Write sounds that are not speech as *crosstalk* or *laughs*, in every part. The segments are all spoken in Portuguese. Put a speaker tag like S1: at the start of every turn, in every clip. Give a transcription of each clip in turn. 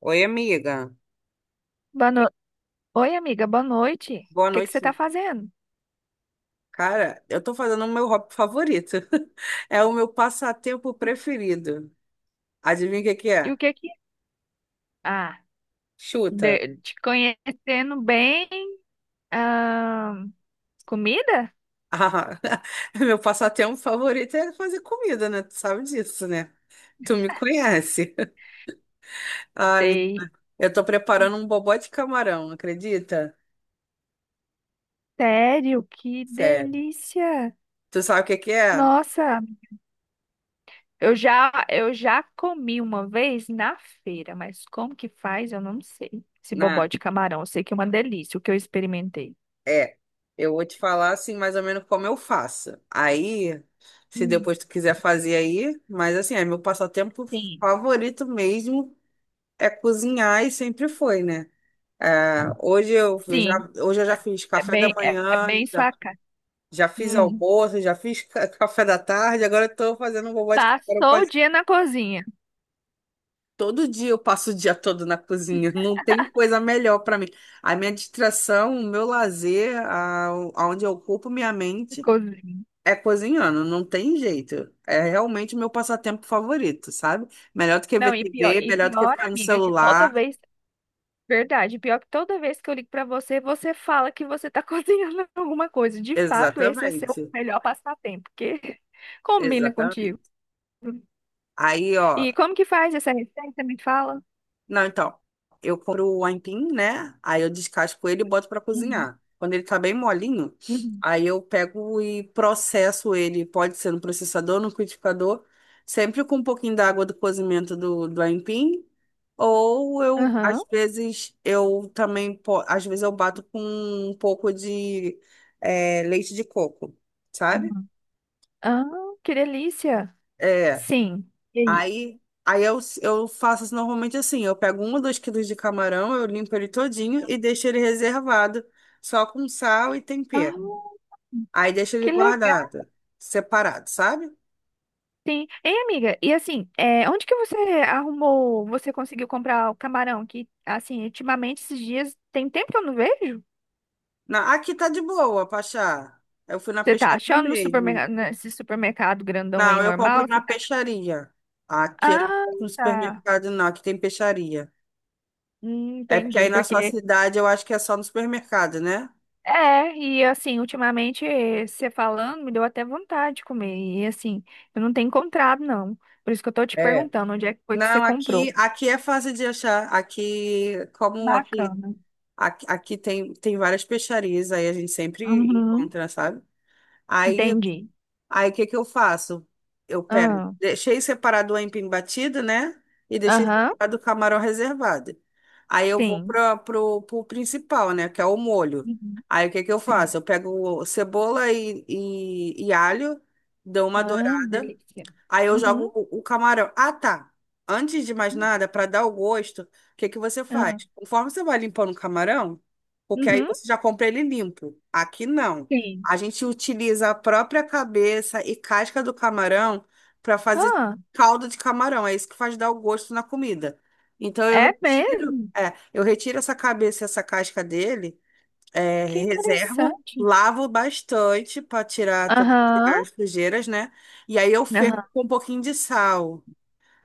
S1: Oi, amiga.
S2: Boa no... Oi, amiga, boa noite.
S1: Boa
S2: O que que você
S1: noite.
S2: tá fazendo?
S1: Cara, eu tô fazendo o meu hobby favorito. *laughs* É o meu passatempo preferido. Adivinha o que que
S2: E
S1: é?
S2: o que que... Ah,
S1: Chuta.
S2: de- te conhecendo bem. Ah, comida?
S1: Ah, *laughs* meu passatempo favorito é fazer comida, né? Tu sabe disso, né? Tu me conhece. *laughs* Ah, me-
S2: Sei.
S1: eu tô preparando um bobó de camarão, acredita?
S2: Sério, que
S1: Sério.
S2: delícia.
S1: Tu sabe o que que é?
S2: Nossa, eu já comi uma vez na feira, mas como que faz, eu não sei. Esse bobó
S1: Né?
S2: de camarão, eu sei que é uma delícia, o que eu experimentei.
S1: É, eu vou te falar assim, mais ou menos como eu faço. Aí, se
S2: Hum,
S1: depois tu quiser fazer aí, mas assim, é meu passatempo
S2: Sim,
S1: favorito mesmo é cozinhar e sempre foi, né? É, hoje eu já,
S2: sim,
S1: hoje eu já fiz
S2: é
S1: café da
S2: bem, é, é
S1: manhã,
S2: bem
S1: já,
S2: sua cara.
S1: já fiz
S2: Hum,
S1: almoço, já fiz *laughs* café da tarde, agora eu tô fazendo um bobó de café.
S2: Passou o dia na cozinha.
S1: Todo dia eu passo o dia todo na cozinha, *laughs* não tem coisa melhor pra mim. A minha distração, o meu lazer, aonde eu ocupo minha mente. É cozinhando, não tem jeito. É realmente o meu passatempo favorito, sabe? Melhor do que ver
S2: Não, e pior,
S1: TV,
S2: e
S1: melhor do que
S2: pior,
S1: ficar no
S2: amiga, que toda
S1: celular.
S2: vez, verdade, pior que toda vez que eu ligo pra você, você fala que você tá *laughs* cozinhando alguma coisa. De fato, esse é seu
S1: Exatamente,
S2: melhor passatempo, porque *laughs* combina contigo.
S1: exatamente. Aí, ó,
S2: E como que faz essa receita? Me fala.
S1: não, então, eu compro o aipim, né? Aí eu descasco ele e boto pra
S2: Uhum.
S1: cozinhar. Quando ele tá bem molinho,
S2: Uhum.
S1: aí eu pego e processo ele, pode ser no processador, no liquidificador, sempre com um pouquinho da água do cozimento do aipim. Ou eu,
S2: Aham.
S1: às vezes, eu também, às vezes eu bato com um pouco de leite de coco, sabe?
S2: Uhum. Ah, que delícia.
S1: É,
S2: Sim. E aí?
S1: aí, aí eu faço assim, normalmente assim, eu pego um ou dois quilos de camarão, eu limpo ele todinho e deixo ele reservado, só com sal e
S2: Ah,
S1: tempero. Aí deixo ele
S2: que legal.
S1: guardado, separado, sabe?
S2: Sim. Ei, amiga, e assim, é, onde que você arrumou, você conseguiu comprar o camarão? Que, assim, ultimamente, esses dias, tem tempo que eu não vejo.
S1: Na, aqui tá de boa, Pachá. Eu fui na
S2: Você tá
S1: peixaria
S2: achando no
S1: mesmo.
S2: supermercado, nesse supermercado grandão
S1: Não,
S2: aí,
S1: eu compro
S2: normal?
S1: na
S2: Você tá...
S1: peixaria. Aqui eu não
S2: Ah,
S1: compro no
S2: tá.
S1: supermercado, não. Aqui tem peixaria. É porque aí
S2: Entendi,
S1: na sua
S2: porque...
S1: cidade eu acho que é só no supermercado, né?
S2: É, e assim, ultimamente, você falando, me deu até vontade de comer. E assim, eu não tenho encontrado, não. Por isso que eu tô te
S1: É.
S2: perguntando onde é que foi que você
S1: Não, aqui,
S2: comprou.
S1: aqui é fácil de achar. Aqui, como aqui,
S2: Bacana.
S1: aqui, aqui tem, tem várias peixarias, aí a gente sempre
S2: Uhum.
S1: encontra, sabe? Aí,
S2: Entendi.
S1: aí o que que eu faço? Eu pego,
S2: Ah,
S1: deixei separado o aipim batido, né? E deixei
S2: aham,
S1: separado o camarão reservado. Aí eu vou
S2: sim.
S1: para pro principal, né? Que é o molho. Aí o que que eu
S2: Sim.
S1: faço? Eu pego cebola e alho, dou uma
S2: Ah,
S1: dourada.
S2: delícia.
S1: Aí eu jogo
S2: Uhum.
S1: o camarão. Ah, tá. Antes de mais nada, para dar o gosto, o que que você faz?
S2: Ah,
S1: Conforme você vai limpando o camarão, porque aí
S2: uhum.
S1: você já compra ele limpo. Aqui não.
S2: Sim.
S1: A gente utiliza a própria cabeça e casca do camarão para fazer
S2: Ah,
S1: caldo de camarão. É isso que faz dar o gosto na comida. Então eu
S2: é
S1: retiro,
S2: mesmo?
S1: é, eu retiro essa cabeça e essa casca dele. É,
S2: Que
S1: reservo,
S2: interessante.
S1: lavo bastante para tirar todas
S2: Aham,
S1: as sujeiras, né? E aí eu fervo
S2: aham.
S1: com um pouquinho de sal.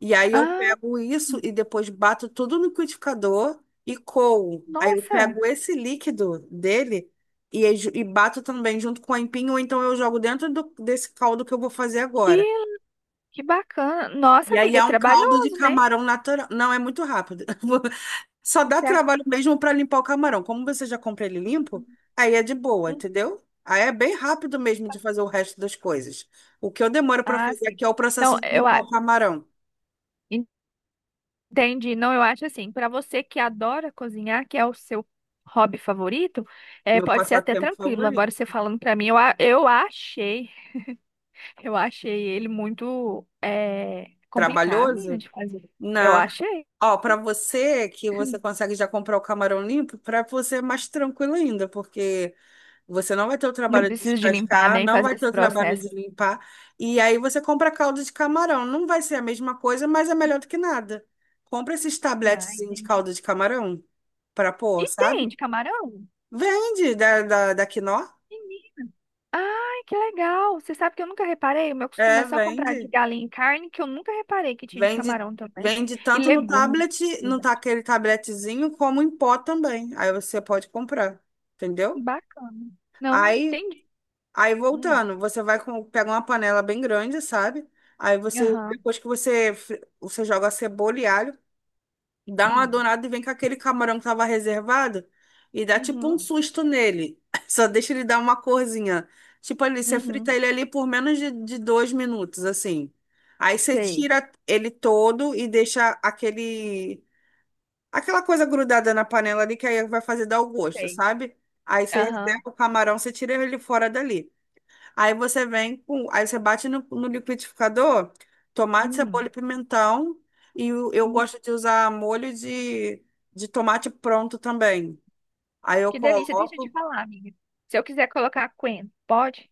S1: E aí eu
S2: Ah,
S1: pego isso e depois bato tudo no liquidificador e coo. Aí eu
S2: nossa,
S1: pego esse líquido dele e bato também junto com a empinho, ou então eu jogo dentro desse caldo que eu vou fazer agora.
S2: que, que bacana. Nossa,
S1: E aí
S2: amiga, é
S1: é um caldo de
S2: trabalhoso, né?
S1: camarão natural. Não, é muito rápido. *laughs* Só dá
S2: Você acha?
S1: trabalho mesmo para limpar o camarão. Como você já compra ele limpo, aí é de boa,
S2: Hum,
S1: entendeu? Aí é bem rápido mesmo de fazer o resto das coisas. O que eu demoro para
S2: Ah,
S1: fazer
S2: sim.
S1: aqui é o
S2: Não,
S1: processo de
S2: eu
S1: limpar
S2: a-
S1: o camarão.
S2: entendi. Não, eu acho assim, para você que adora cozinhar, que é o seu hobby favorito, é,
S1: Meu
S2: pode ser até
S1: passatempo
S2: tranquilo.
S1: favorito.
S2: Agora você falando para mim, eu, a- eu achei. Eu achei ele muito é, complicado, né,
S1: Trabalhoso?
S2: de fazer. Eu
S1: Não.
S2: achei.
S1: Ó, para você que você consegue já comprar o camarão limpo, para você é mais tranquilo ainda, porque você não vai ter o
S2: Não
S1: trabalho de
S2: precisa de limpar
S1: descascar,
S2: nem
S1: não
S2: fazer
S1: vai ter
S2: esse
S1: o trabalho de
S2: processo.
S1: limpar. E aí você compra caldo de camarão. Não vai ser a mesma coisa, mas é melhor do que nada. Compra esses
S2: Ah,
S1: tabletezinhos de
S2: entendi.
S1: caldo de camarão para pôr,
S2: E
S1: sabe?
S2: tem de camarão?
S1: Vende da Quinó.
S2: Menino. Ai, que legal. Você sabe que eu nunca reparei? O meu costume
S1: É,
S2: é só comprar de
S1: vende.
S2: galinha e carne, que eu nunca reparei que tinha de
S1: Vende,
S2: camarão também.
S1: vende
S2: E
S1: tanto no
S2: legumes.
S1: tablet, no
S2: Verdade.
S1: aquele tabletezinho, como em pó também. Aí você pode comprar, entendeu?
S2: Bacana. Não, não
S1: Aí,
S2: entendi.
S1: aí
S2: Hum.
S1: voltando, você vai com, pega uma panela bem grande, sabe? Aí você,
S2: Aham,
S1: depois que você, você joga a cebola e alho, dá uma
S2: sim.
S1: dourada e vem com aquele camarão que tava reservado e dá tipo um
S2: Uhum,
S1: susto nele. *laughs* Só deixa ele dar uma corzinha. Tipo ali, você frita
S2: uhum.
S1: ele ali por menos de dois minutos, assim. Aí você
S2: Sei,
S1: tira ele todo e deixa aquele, aquela coisa grudada na panela ali que aí vai fazer dar o gosto,
S2: sei.
S1: sabe? Aí você
S2: Aham.
S1: reserva o camarão, você tira ele fora dali. Aí você vem com. Aí você bate no liquidificador, tomate, cebola
S2: Hum.
S1: e pimentão. E eu gosto de usar molho de tomate pronto também. Aí eu
S2: Que delícia. Deixa eu te
S1: coloco.
S2: falar, amiga. Se eu quiser colocar Queen, pode?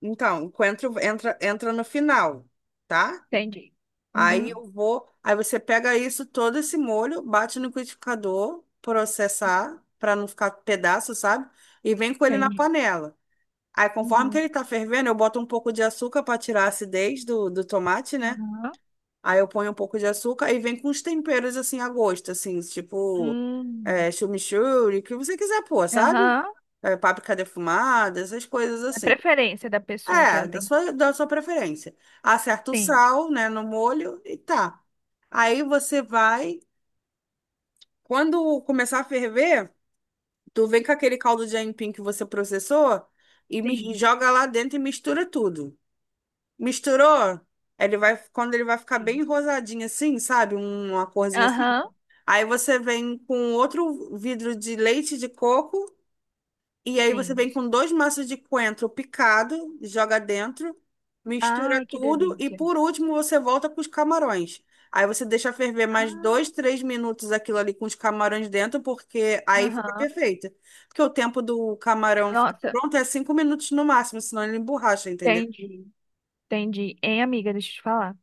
S1: Então, o coentro entra, entra no final, tá?
S2: Entendi.
S1: Aí
S2: Uhum,
S1: eu vou. Aí você pega isso, todo esse molho, bate no liquidificador, processar, para não ficar pedaço, sabe? E vem com ele na
S2: entendi.
S1: panela. Aí, conforme que
S2: Uhum,
S1: ele tá fervendo, eu boto um pouco de açúcar para tirar a acidez do tomate, né?
S2: aham.
S1: Aí eu ponho um pouco de açúcar e vem com os temperos assim a gosto, assim, tipo
S2: Hum,
S1: é, chimichurri, o que você quiser pôr, sabe?
S2: aham.
S1: É, páprica defumada, essas coisas
S2: É a
S1: assim.
S2: preferência da pessoa que
S1: É,
S2: ela tem.
S1: da sua preferência. Acerta o
S2: Sim.
S1: sal, né, no molho e tá. Aí você vai, quando começar a ferver, tu vem com aquele caldo de aipim que você processou e
S2: sim,
S1: joga lá dentro e mistura tudo. Misturou? Ele vai, quando ele vai ficar bem
S2: sim.
S1: rosadinho assim, sabe? Uma corzinha assim.
S2: Aham.
S1: Aí você vem com outro vidro de leite de coco e aí você
S2: Sim.
S1: vem com dois maços de coentro picado, joga dentro, mistura
S2: Ai, que
S1: tudo e
S2: delícia.
S1: por último você volta com os camarões. Aí você deixa ferver mais
S2: Ah,
S1: dois, três minutos aquilo ali com os camarões dentro, porque aí fica
S2: aham.
S1: perfeito. Porque o tempo do camarão ficar
S2: Nossa,
S1: pronto é cinco minutos no máximo, senão ele emborracha, entendeu?
S2: entendi. Entendi. Hein, amiga, deixa eu te falar.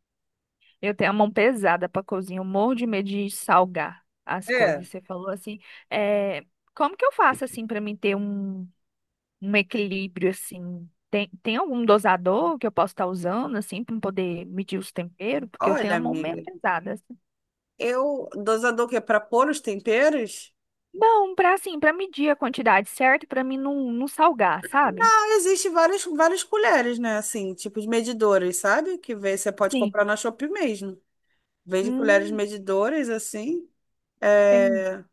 S2: Eu tenho a mão pesada pra cozinhar. Eu morro de medo de salgar as
S1: É.
S2: coisas. Você falou assim, é... Como que eu faço assim pra mim ter um. Um equilíbrio assim. Tem algum dosador que eu posso estar usando assim para poder medir os temperos, porque eu tenho
S1: Olha,
S2: a mão meio
S1: amiga.
S2: pesada assim.
S1: Eu, dosador que é para pôr os temperos?
S2: Não, para assim, para medir a quantidade certa, para mim não, não salgar, sabe?
S1: Ah, existe várias, várias colheres, né? Assim, tipo de medidores, sabe? Que você pode
S2: Sim.
S1: comprar na Shopee mesmo. Vende colheres
S2: Hum,
S1: medidoras, assim.
S2: tem.
S1: É,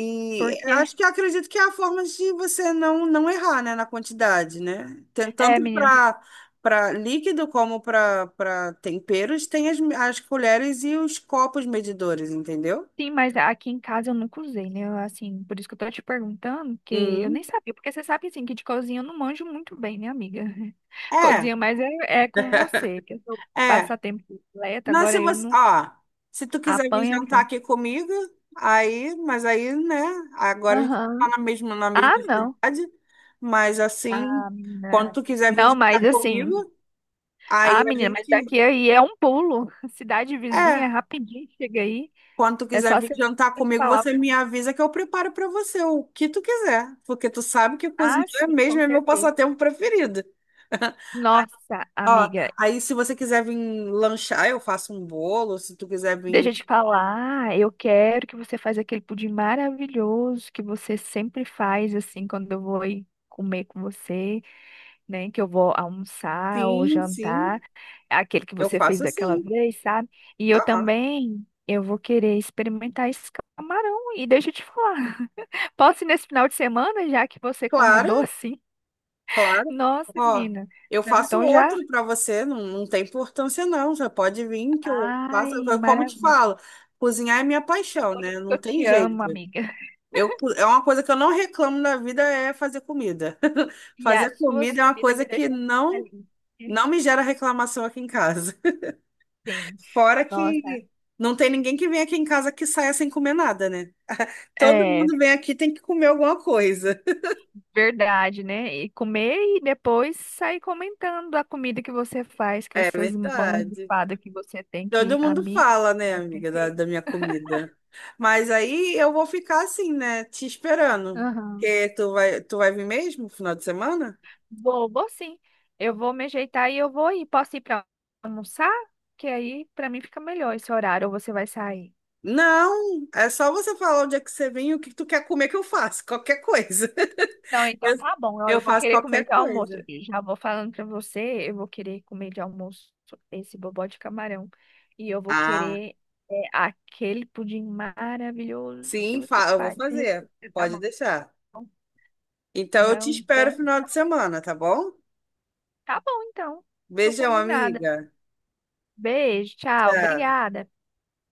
S1: e
S2: Porque
S1: acho que eu acredito que é a forma de você não, não errar, né? Na quantidade, né?
S2: é,
S1: Tanto
S2: menina,
S1: para líquido como para temperos, tem as colheres e os copos medidores, entendeu?
S2: sim, mas aqui em casa eu nunca usei, né? Eu, assim, por isso que eu tô te perguntando, porque eu
S1: Uhum.
S2: nem sabia, porque você sabe assim que de cozinha eu não manjo muito bem, né, amiga? *laughs*
S1: É.
S2: Cozinha, mas é, é com você, que eu sou
S1: É,
S2: passatempo completo,
S1: mas se
S2: agora eu
S1: você,
S2: não
S1: ó, se tu quiser vir
S2: apanho
S1: jantar
S2: até.
S1: aqui comigo, aí, mas aí, né, agora a gente
S2: Aham.
S1: tá na mesma
S2: Ah, não.
S1: cidade, mas assim,
S2: Ah,
S1: quando
S2: menina.
S1: tu quiser vir
S2: Não, mas
S1: jantar comigo,
S2: assim.
S1: aí
S2: Ah,
S1: a
S2: menina, mas
S1: gente,
S2: daqui aí é um pulo. *laughs* Cidade vizinha, é
S1: é,
S2: rapidinho chega aí.
S1: quando tu
S2: É
S1: quiser
S2: só
S1: vir
S2: você
S1: jantar comigo,
S2: falar.
S1: você me avisa que eu preparo pra você o que tu quiser, porque tu sabe que
S2: Ah,
S1: cozinhar
S2: sim, com
S1: mesmo é meu
S2: certeza.
S1: passatempo preferido. *laughs*
S2: Nossa,
S1: Ó,
S2: amiga,
S1: aí se você quiser vir lanchar, eu faço um bolo, se tu quiser
S2: deixa
S1: vir,
S2: eu te falar. Eu quero que você faça aquele pudim maravilhoso que você sempre faz, assim, quando eu vou ir comer com você, né? Que eu vou almoçar ou
S1: sim, sim,
S2: jantar. Aquele que
S1: eu
S2: você fez
S1: faço
S2: daquela
S1: assim.
S2: vez, sabe? E eu
S1: Ah,
S2: também, eu vou querer experimentar esse camarão. E deixa eu te falar, *laughs* posso ir nesse final de semana, já que você
S1: claro,
S2: convidou, assim?
S1: claro.
S2: Nossa,
S1: Ó,
S2: menina.
S1: eu
S2: Não,
S1: faço
S2: então já.
S1: outro para você, não, não tem importância não. Você pode vir que eu faço.
S2: Ai,
S1: Como eu te
S2: maravilha.
S1: falo, cozinhar é minha
S2: É
S1: paixão,
S2: por
S1: né?
S2: isso que
S1: Não
S2: eu
S1: tem
S2: te amo,
S1: jeito.
S2: amiga.
S1: Eu, é uma coisa que eu não reclamo na vida é fazer comida. *laughs*
S2: E as
S1: Fazer
S2: suas
S1: comida é uma
S2: comidas
S1: coisa
S2: me
S1: que
S2: deixam feliz.
S1: não me gera reclamação aqui em casa. *laughs*
S2: Sim.
S1: Fora
S2: Nossa.
S1: que não tem ninguém que vem aqui em casa que saia sem comer nada, né? Todo
S2: É.
S1: mundo vem aqui tem que comer alguma coisa. *laughs*
S2: Verdade, né? E comer e depois sair comentando a comida que você faz, com
S1: É
S2: essas mãos
S1: verdade.
S2: bifadas que você tem
S1: Todo
S2: que,
S1: mundo
S2: amiga,
S1: fala, né,
S2: é o
S1: amiga,
S2: perfeito.
S1: da minha comida. Mas aí eu vou ficar assim, né, te esperando.
S2: Aham.
S1: Porque tu vai vir mesmo no final de semana?
S2: Vou, vou sim. Eu vou me ajeitar e eu vou ir. Posso ir para almoçar? Que aí para mim fica melhor esse horário, ou você vai sair?
S1: Não, é só você falar onde é que você vem e o que tu quer comer que eu faço, qualquer coisa.
S2: Não,
S1: *laughs* Eu,
S2: então tá bom. Ó,
S1: eu
S2: eu vou
S1: faço
S2: querer comer
S1: qualquer
S2: de almoço.
S1: coisa.
S2: E já vou falando pra você, eu vou querer comer de almoço esse bobó de camarão. E eu vou
S1: Ah,
S2: querer é, aquele pudim maravilhoso que
S1: sim,
S2: você
S1: eu vou
S2: faz de
S1: fazer.
S2: receita, tá
S1: Pode
S2: bom?
S1: deixar. Então eu te
S2: Não,
S1: espero no
S2: então,
S1: final de semana, tá bom?
S2: tá bom então. Tô
S1: Beijão,
S2: combinada.
S1: amiga.
S2: Beijo, tchau,
S1: Tchau.
S2: obrigada.